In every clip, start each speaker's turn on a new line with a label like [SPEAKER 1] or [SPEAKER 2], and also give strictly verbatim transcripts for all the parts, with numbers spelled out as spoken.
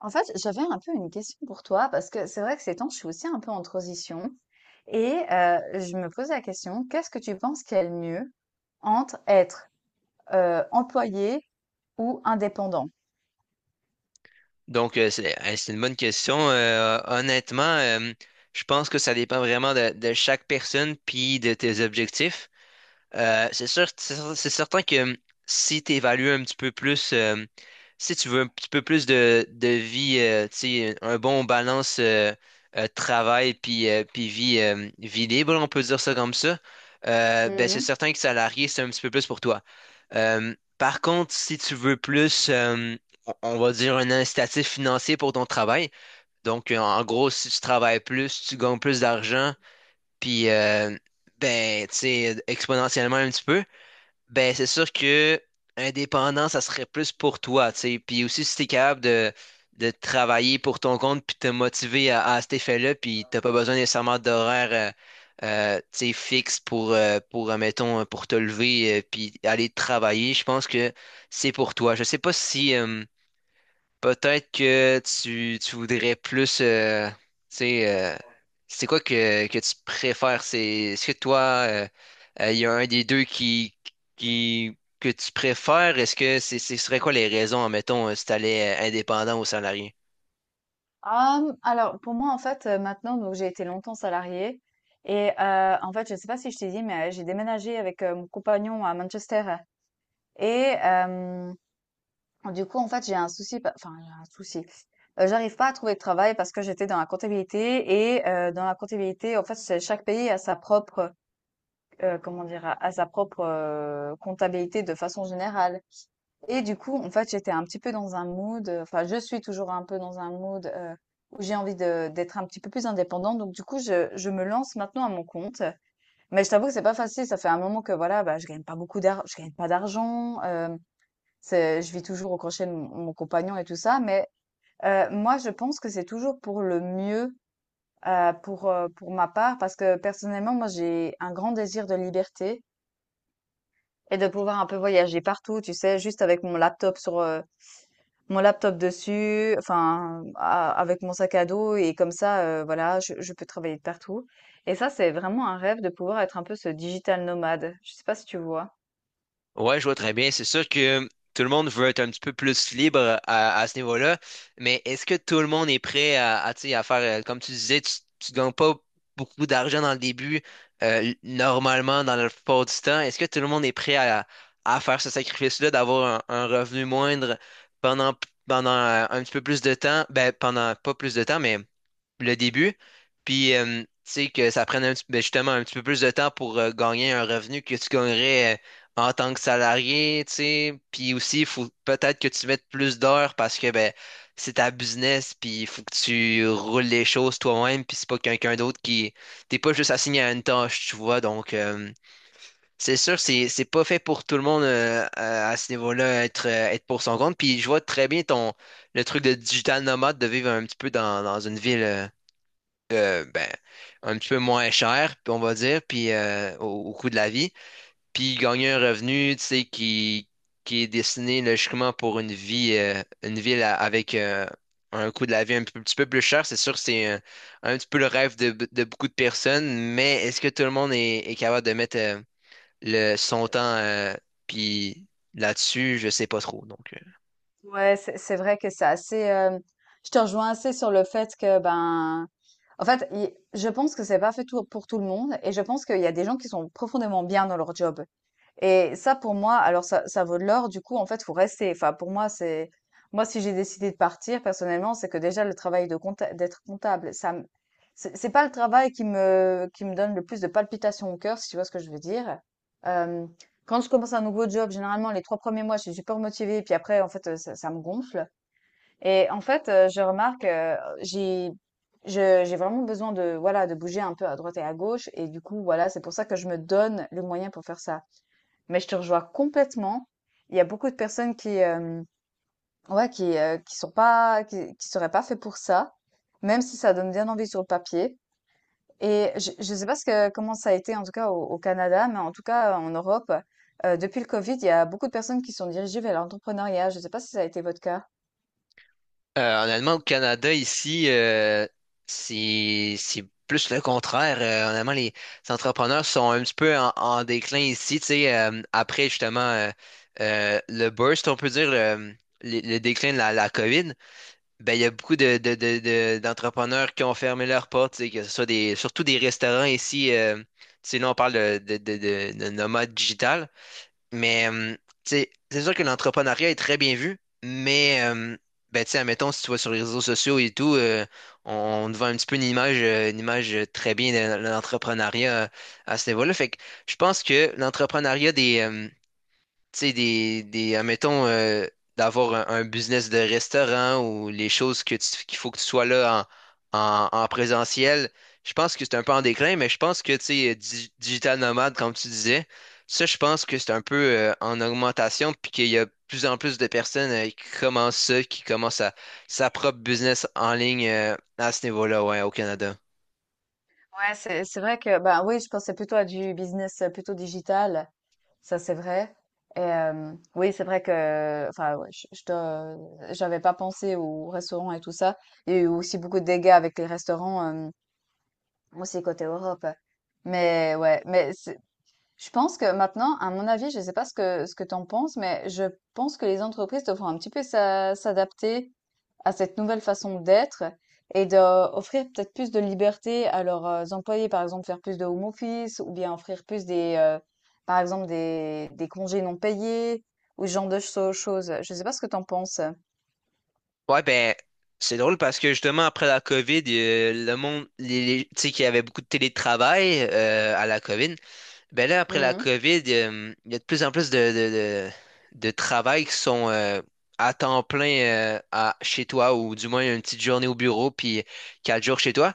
[SPEAKER 1] En fait, j'avais un peu une question pour toi parce que c'est vrai que ces temps, je suis aussi un peu en transition et heu, je me pose la question, qu'est-ce que tu penses qu'il y a le mieux entre être, heu, employé ou indépendant?
[SPEAKER 2] Donc, euh, c'est euh, c'est une bonne question. Euh, honnêtement, euh, je pense que ça dépend vraiment de, de chaque personne puis de tes objectifs. Euh, c'est sûr, c'est cer- c'est certain que euh, si tu évalues un petit peu plus, euh, si tu veux un petit peu plus de, de vie, euh, tu sais, un bon balance euh, euh, travail puis, euh, puis vie, euh, vie libre, on peut dire ça comme ça, euh, ben
[SPEAKER 1] Mmh
[SPEAKER 2] c'est
[SPEAKER 1] mh.
[SPEAKER 2] certain que salarié, c'est un petit peu plus pour toi. Euh, par contre, si tu veux plus, euh, on on va dire un incitatif financier pour ton travail. Donc, euh, en gros, si tu travailles plus, tu gagnes plus d'argent, puis euh, ben, tu sais, exponentiellement un petit peu. Ben, c'est sûr que indépendant, ça serait plus pour toi, tu sais. Puis aussi, si t'es capable de, de travailler pour ton compte puis te motiver à, à cet effet-là, puis t'as pas besoin nécessairement d'horaire, euh, euh, tu sais, fixe pour, euh, pour, euh, mettons, euh, pour te lever euh, puis aller travailler, je pense que c'est pour toi. Je sais pas si, euh, peut-être que tu, tu voudrais plus, euh, tu sais, euh, c'est quoi que, que tu préfères? C'est, est-ce que toi, euh, euh, il y a un des deux qui, qui, que tu préfères? Est-ce que c'est, ce serait quoi les raisons, admettons, euh, si t'allais euh, indépendant ou salarié?
[SPEAKER 1] alors pour moi, en fait, heu, maintenant donc j'ai été longtemps salariée et heu, en fait, je ne sais pas si je t'ai dit, mais, heu, j'ai déménagé avec, heu, mon compagnon à Manchester et hem Du coup, en fait, j'ai un souci, pa- enfin, j'ai un souci. Euh, j'arrive pas à trouver de travail parce que j'étais dans la comptabilité et euh, dans la comptabilité, en fait, c'est- chaque pays a sa propre, euh, comment dire, a a sa propre euh, comptabilité de façon générale. Et du coup, en fait, j'étais un petit peu dans un mood, euh, enfin, je suis toujours un peu dans un mood euh, où j'ai envie de d'être un petit peu plus indépendante. Donc, du coup, je, je me lance maintenant à mon compte. Mais je t'avoue que c'est pas facile. Ça fait un moment que voilà, bah, je gagne pas beaucoup d'argent, je gagne pas d'argent. Euh, c'est je vis toujours au crochet de mon mon compagnon et tout ça, mais heu, moi, je pense que c'est toujours pour le mieux, heu, pour, heu, pour ma part parce que personnellement, moi, j'ai un grand désir de liberté et de pouvoir un peu voyager partout, tu sais? Juste avec mon laptop sur, heu, mon laptop dessus, enfin, a avec mon sac à dos et comme ça, heu, voilà, je je peux travailler de partout et ça, c'est vraiment un rêve de pouvoir être un peu ce digital nomade. Je sais pas si tu vois?
[SPEAKER 2] Ouais, je vois très bien. C'est sûr que tout le monde veut être un petit peu plus libre à, à ce niveau-là, mais est-ce que tout le monde est prêt à, à, tu sais, à faire, euh, comme tu disais, tu, tu gagnes pas beaucoup d'argent dans le début, euh, normalement, dans le plupart du temps. Est-ce que tout le monde est prêt à, à faire ce sacrifice-là, d'avoir un, un revenu moindre pendant, pendant euh, un petit peu plus de temps? Ben, pendant pas plus de temps, mais le début. Puis, euh, tu sais, que ça prenne un petit- ben, justement un petit peu plus de temps pour euh, gagner un revenu que tu gagnerais euh, en tant que salarié, tu sais. Puis aussi, il faut peut-être que tu mettes plus d'heures parce que ben, c'est ta business, puis il faut que tu roules les choses toi-même, puis c'est pas quelqu'un d'autre qui... T'es pas juste assigné à une tâche, tu vois. Donc, euh, c'est sûr, c'est c'est pas fait pour tout le monde euh, à, à ce niveau-là, être, euh, être pour son compte. Puis je vois très bien ton le truc de digital nomade, de vivre un petit peu dans, dans une ville. euh, euh, ben, un petit peu moins cher, puis on va dire, puis euh, au, au coût de la vie, puis gagner un revenu, tu sais, qui, qui est destiné logiquement pour une vie, euh, une ville à- avec euh, un coût de la vie un peu- petit peu plus cher. C'est sûr, c'est un, un petit peu le rêve de, de beaucoup de personnes, mais est-ce que tout le monde est, est capable de mettre euh, le, son temps euh, puis là-dessus, je sais pas trop, donc.
[SPEAKER 1] Ouais, c'est c'est vrai que c'est assez. euh, Je te rejoins assez sur le fait que ben, en fait, il- je pense que c'est pas fait tout- pour tout le monde et je pense qu'il y a des gens qui sont profondément bien dans leur job. Et ça, pour moi, alors ça, ça vaut de l'or. Du coup, en fait, faut rester. Enfin, pour moi, c'est moi si j'ai décidé de partir personnellement, c'est que déjà le travail de compta- d'être comptable, ça, me- c'est c'est pas le travail qui me qui me donne le plus de palpitations au cœur, si tu vois ce que je veux dire. Euh, Quand je commence un nouveau job, généralement les trois premiers mois, je suis super motivée, puis après, en fait, euh, ça, ça me gonfle. Et en fait, euh, je remarque, euh, j'ai je- j'ai vraiment besoin de voilà de bouger un peu à droite et à gauche. Et du coup, voilà, c'est pour ça que je me donne le moyen pour faire ça. Mais je te rejoins complètement. Il y a beaucoup de personnes qui, euh, ouais, qui, euh, qui sont pas, qui, qui seraient pas fait pour ça, même si ça donne bien envie sur le papier. Et je, je sais pas ce que, comment ça a été, en tout cas au, au Canada, mais en tout cas en Europe, euh, depuis le Covid, il y a beaucoup de personnes qui sont dirigées vers l'entrepreneuriat. Je sais pas si ça a été votre cas.
[SPEAKER 2] Euh, honnêtement, au Canada, ici, euh, c'est c'est plus le contraire. Euh, honnêtement, les entrepreneurs sont un petit peu en, en déclin ici. Tu sais, euh, après justement euh, euh, le burst, on peut dire le, le- le déclin de la, la COVID, ben, il y a beaucoup de, de- de- de- d'entrepreneurs qui ont fermé leurs portes, tu sais, que ce soit des, surtout des restaurants ici. Euh, tu sais, là, on parle de, de, de, de, de nomades digitales. Mais euh, tu sais, c'est sûr que l'entrepreneuriat est très bien vu, mais euh, ben, tu sais, admettons, si tu vas sur les réseaux sociaux et tout, euh, on, on te vend un petit peu une image, euh, une image euh, très bien de, de l'entrepreneuriat euh, à ce niveau-là. Fait que je pense que l'entrepreneuriat des, euh, tu sais, des, des, admettons, euh, d'avoir un, un business de restaurant ou les choses que tu- qu'il faut que tu sois là en, en, en présentiel, je pense que c'est un peu en déclin, mais je pense que, tu sais, di- digital nomade, comme tu disais, ça, je pense que c'est un peu euh, en augmentation, puis qu'il y a de plus en plus de personnes euh, qui commencent ça, qui commencent à, sa propre business en ligne euh, à ce niveau-là, ouais, au Canada.
[SPEAKER 1] Ouais, c'est, c'est vrai que, bah oui, je pensais plutôt à du business euh, plutôt digital. Ça, c'est vrai. Et hem, oui, c'est vrai que enfin, ouais, je je te j'avais pas pensé aux restaurants et tout ça. Il y a eu aussi beaucoup de dégâts avec les restaurants, hem, aussi côté Europe. Mais ouais, mais je pense que maintenant, à mon avis, je ne sais pas ce que, ce que tu en penses, mais je pense que les entreprises devront un petit peu s'a- s'adapter à cette nouvelle façon d'être et d'offrir peut-être plus de liberté à leurs euh, employés, par exemple faire plus de home office ou bien offrir plus des, euh, par exemple des, des congés non payés ou ce genre de cho- choses. Je ne sais pas ce que tu en penses.
[SPEAKER 2] Ouais, ben, c'est drôle parce que justement, après la COVID, euh, le monde, les, les- tu sais, qu'il y avait beaucoup de télétravail euh, à la COVID. Ben là, après la COVID, euh, il y a de plus en plus de, de, de, de travail qui sont euh, à temps plein euh, à, chez toi ou du moins une petite journée au bureau puis quatre jours chez toi.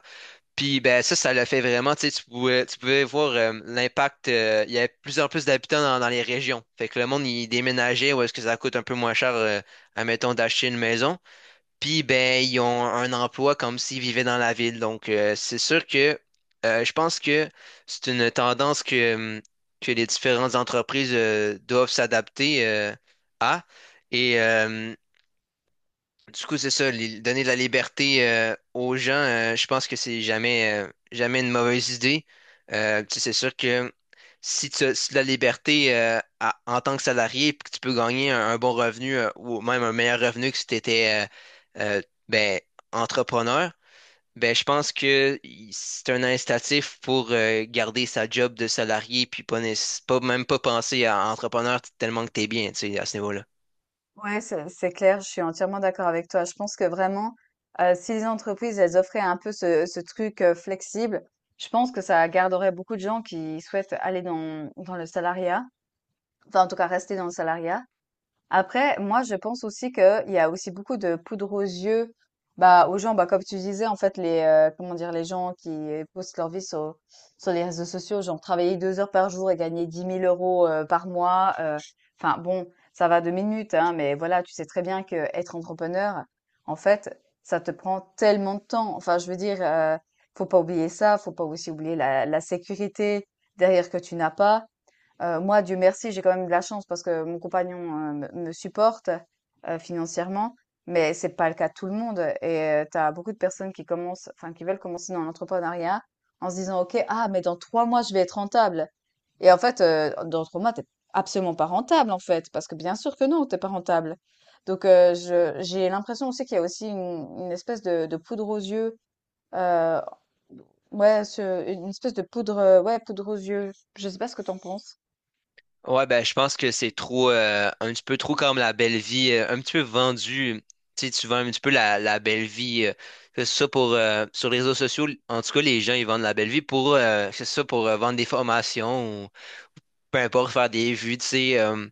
[SPEAKER 2] Puis ben ça, ça l'a fait vraiment, tu sais, tu pouvais, tu pouvais voir euh, l'impact. Euh, il y avait de plus en plus d'habitants dans, dans les régions. Fait que le monde, il déménageait où est-ce que ça coûte un peu moins cher, euh, admettons, d'acheter une maison. Puis ben, ils ont un emploi comme s'ils vivaient dans la ville. Donc euh, c'est sûr que euh, je pense que c'est une tendance que, hum, que les différentes entreprises euh, doivent s'adapter euh, à. Et, euh, du coup, c'est ça, li- donner de la liberté euh, aux gens, euh, je pense que c'est jamais, euh, jamais une mauvaise idée. Euh, tu sais, c'est sûr que si tu as, si tu as de la liberté euh, à- en tant que salarié, puis que tu peux gagner un, un bon revenu euh, ou même un meilleur revenu que si tu étais euh, euh, ben, entrepreneur, ben, je pense que i- c'est un incitatif pour euh, garder sa job de salarié, puis pas, nécess- pas même pas penser à entrepreneur tellement que tu es bien, tu sais, à ce niveau-là.
[SPEAKER 1] Ouais, c'est c'est clair, je suis entièrement d'accord avec toi. Je pense que vraiment, euh, si les entreprises, elles offraient un peu ce, ce truc euh, flexible, je pense que ça garderait beaucoup de gens qui souhaitent aller dans, dans le salariat, enfin en tout cas rester dans le salariat. Après, moi, je pense aussi qu'il y a aussi beaucoup de poudre aux yeux, bah, aux gens, bah, comme tu disais, en fait, les, euh, comment dire, les gens qui postent leur vie sur, sur les réseaux sociaux, genre travailler deux heures par jour et gagner dix mille euros euh, par mois. euh, Enfin, bon, ça va deux minutes, hein, mais voilà, tu sais très bien que être entrepreneur, en fait, ça te prend tellement de temps. Enfin, je veux dire, euh, faut pas oublier ça, faut pas aussi oublier la, la sécurité derrière que tu n'as pas. Heu, moi, Dieu merci, j'ai quand même de la chance parce que mon compagnon, heu, me me supporte, heu, financièrement, mais c'est pas le cas de tout le monde et heu, tu as beaucoup de personnes qui commencent enfin, qui veulent commencer dans l'entrepreneuriat en se disant: «OK, ah mais dans trois mois, je vais être rentable» et en fait, heu, dans trois mois, t'es absolument pas rentable, en fait, parce que bien sûr que non, t'es pas rentable. Donc heu, je j'ai l'impression aussi qu'il y a aussi une une espèce de de poudre aux yeux, heu, ouais, ce une espèce de poudre, heu, ouais, poudre aux yeux. Je sais pas ce que t'en penses?
[SPEAKER 2] Ouais, ben, je pense que c'est trop, euh, un petit peu trop comme la belle vie, euh, un petit peu vendu. Tu sais, tu vends un petit peu la, la belle vie. Euh, que ce soit pour, euh, sur les réseaux sociaux, en tout cas, les gens, ils vendent la belle vie pour, euh, que ce soit pour euh, vendre des formations ou peu importe, faire des vues, tu sais. euh,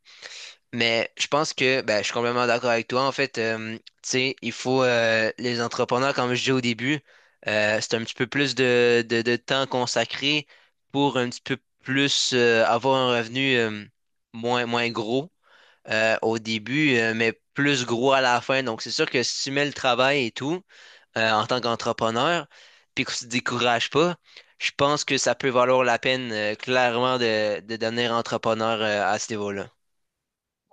[SPEAKER 2] Mais je pense que ben, je suis complètement d'accord avec toi. En fait, euh, tu sais, il faut euh, les entrepreneurs, comme je disais au début, euh, c'est un petit peu plus de, de, de temps consacré pour un petit peu plus euh, avoir un revenu euh, moins, moins gros euh, au début, euh, mais plus gros à la fin. Donc, c'est sûr que si tu mets le travail et tout euh, en tant qu'entrepreneur, puis que tu te décourages pas, je pense que ça peut valoir la peine euh, clairement de, de devenir entrepreneur euh, à ce niveau-là.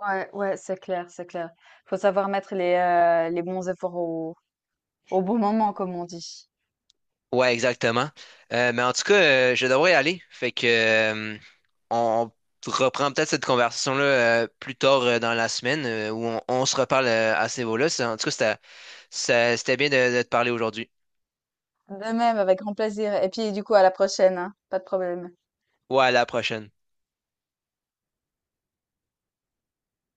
[SPEAKER 1] Ouais, ouais, c'est clair, c'est clair. Faut savoir mettre les, euh, les bons efforts au, au bon moment, comme on dit.
[SPEAKER 2] Ouais, exactement. Euh, mais en tout cas, euh, je devrais y aller. Fait que euh, on reprend peut-être cette conversation-là euh, plus tard euh, dans la semaine euh, où on, on se reparle euh, à ce niveau-là. C'est- En tout cas, c'était ça- c'était bien de de te parler aujourd'hui.
[SPEAKER 1] De même, avec grand plaisir. Et puis, du coup, à la prochaine, hein. Pas de problème.
[SPEAKER 2] Ouais, à la prochaine.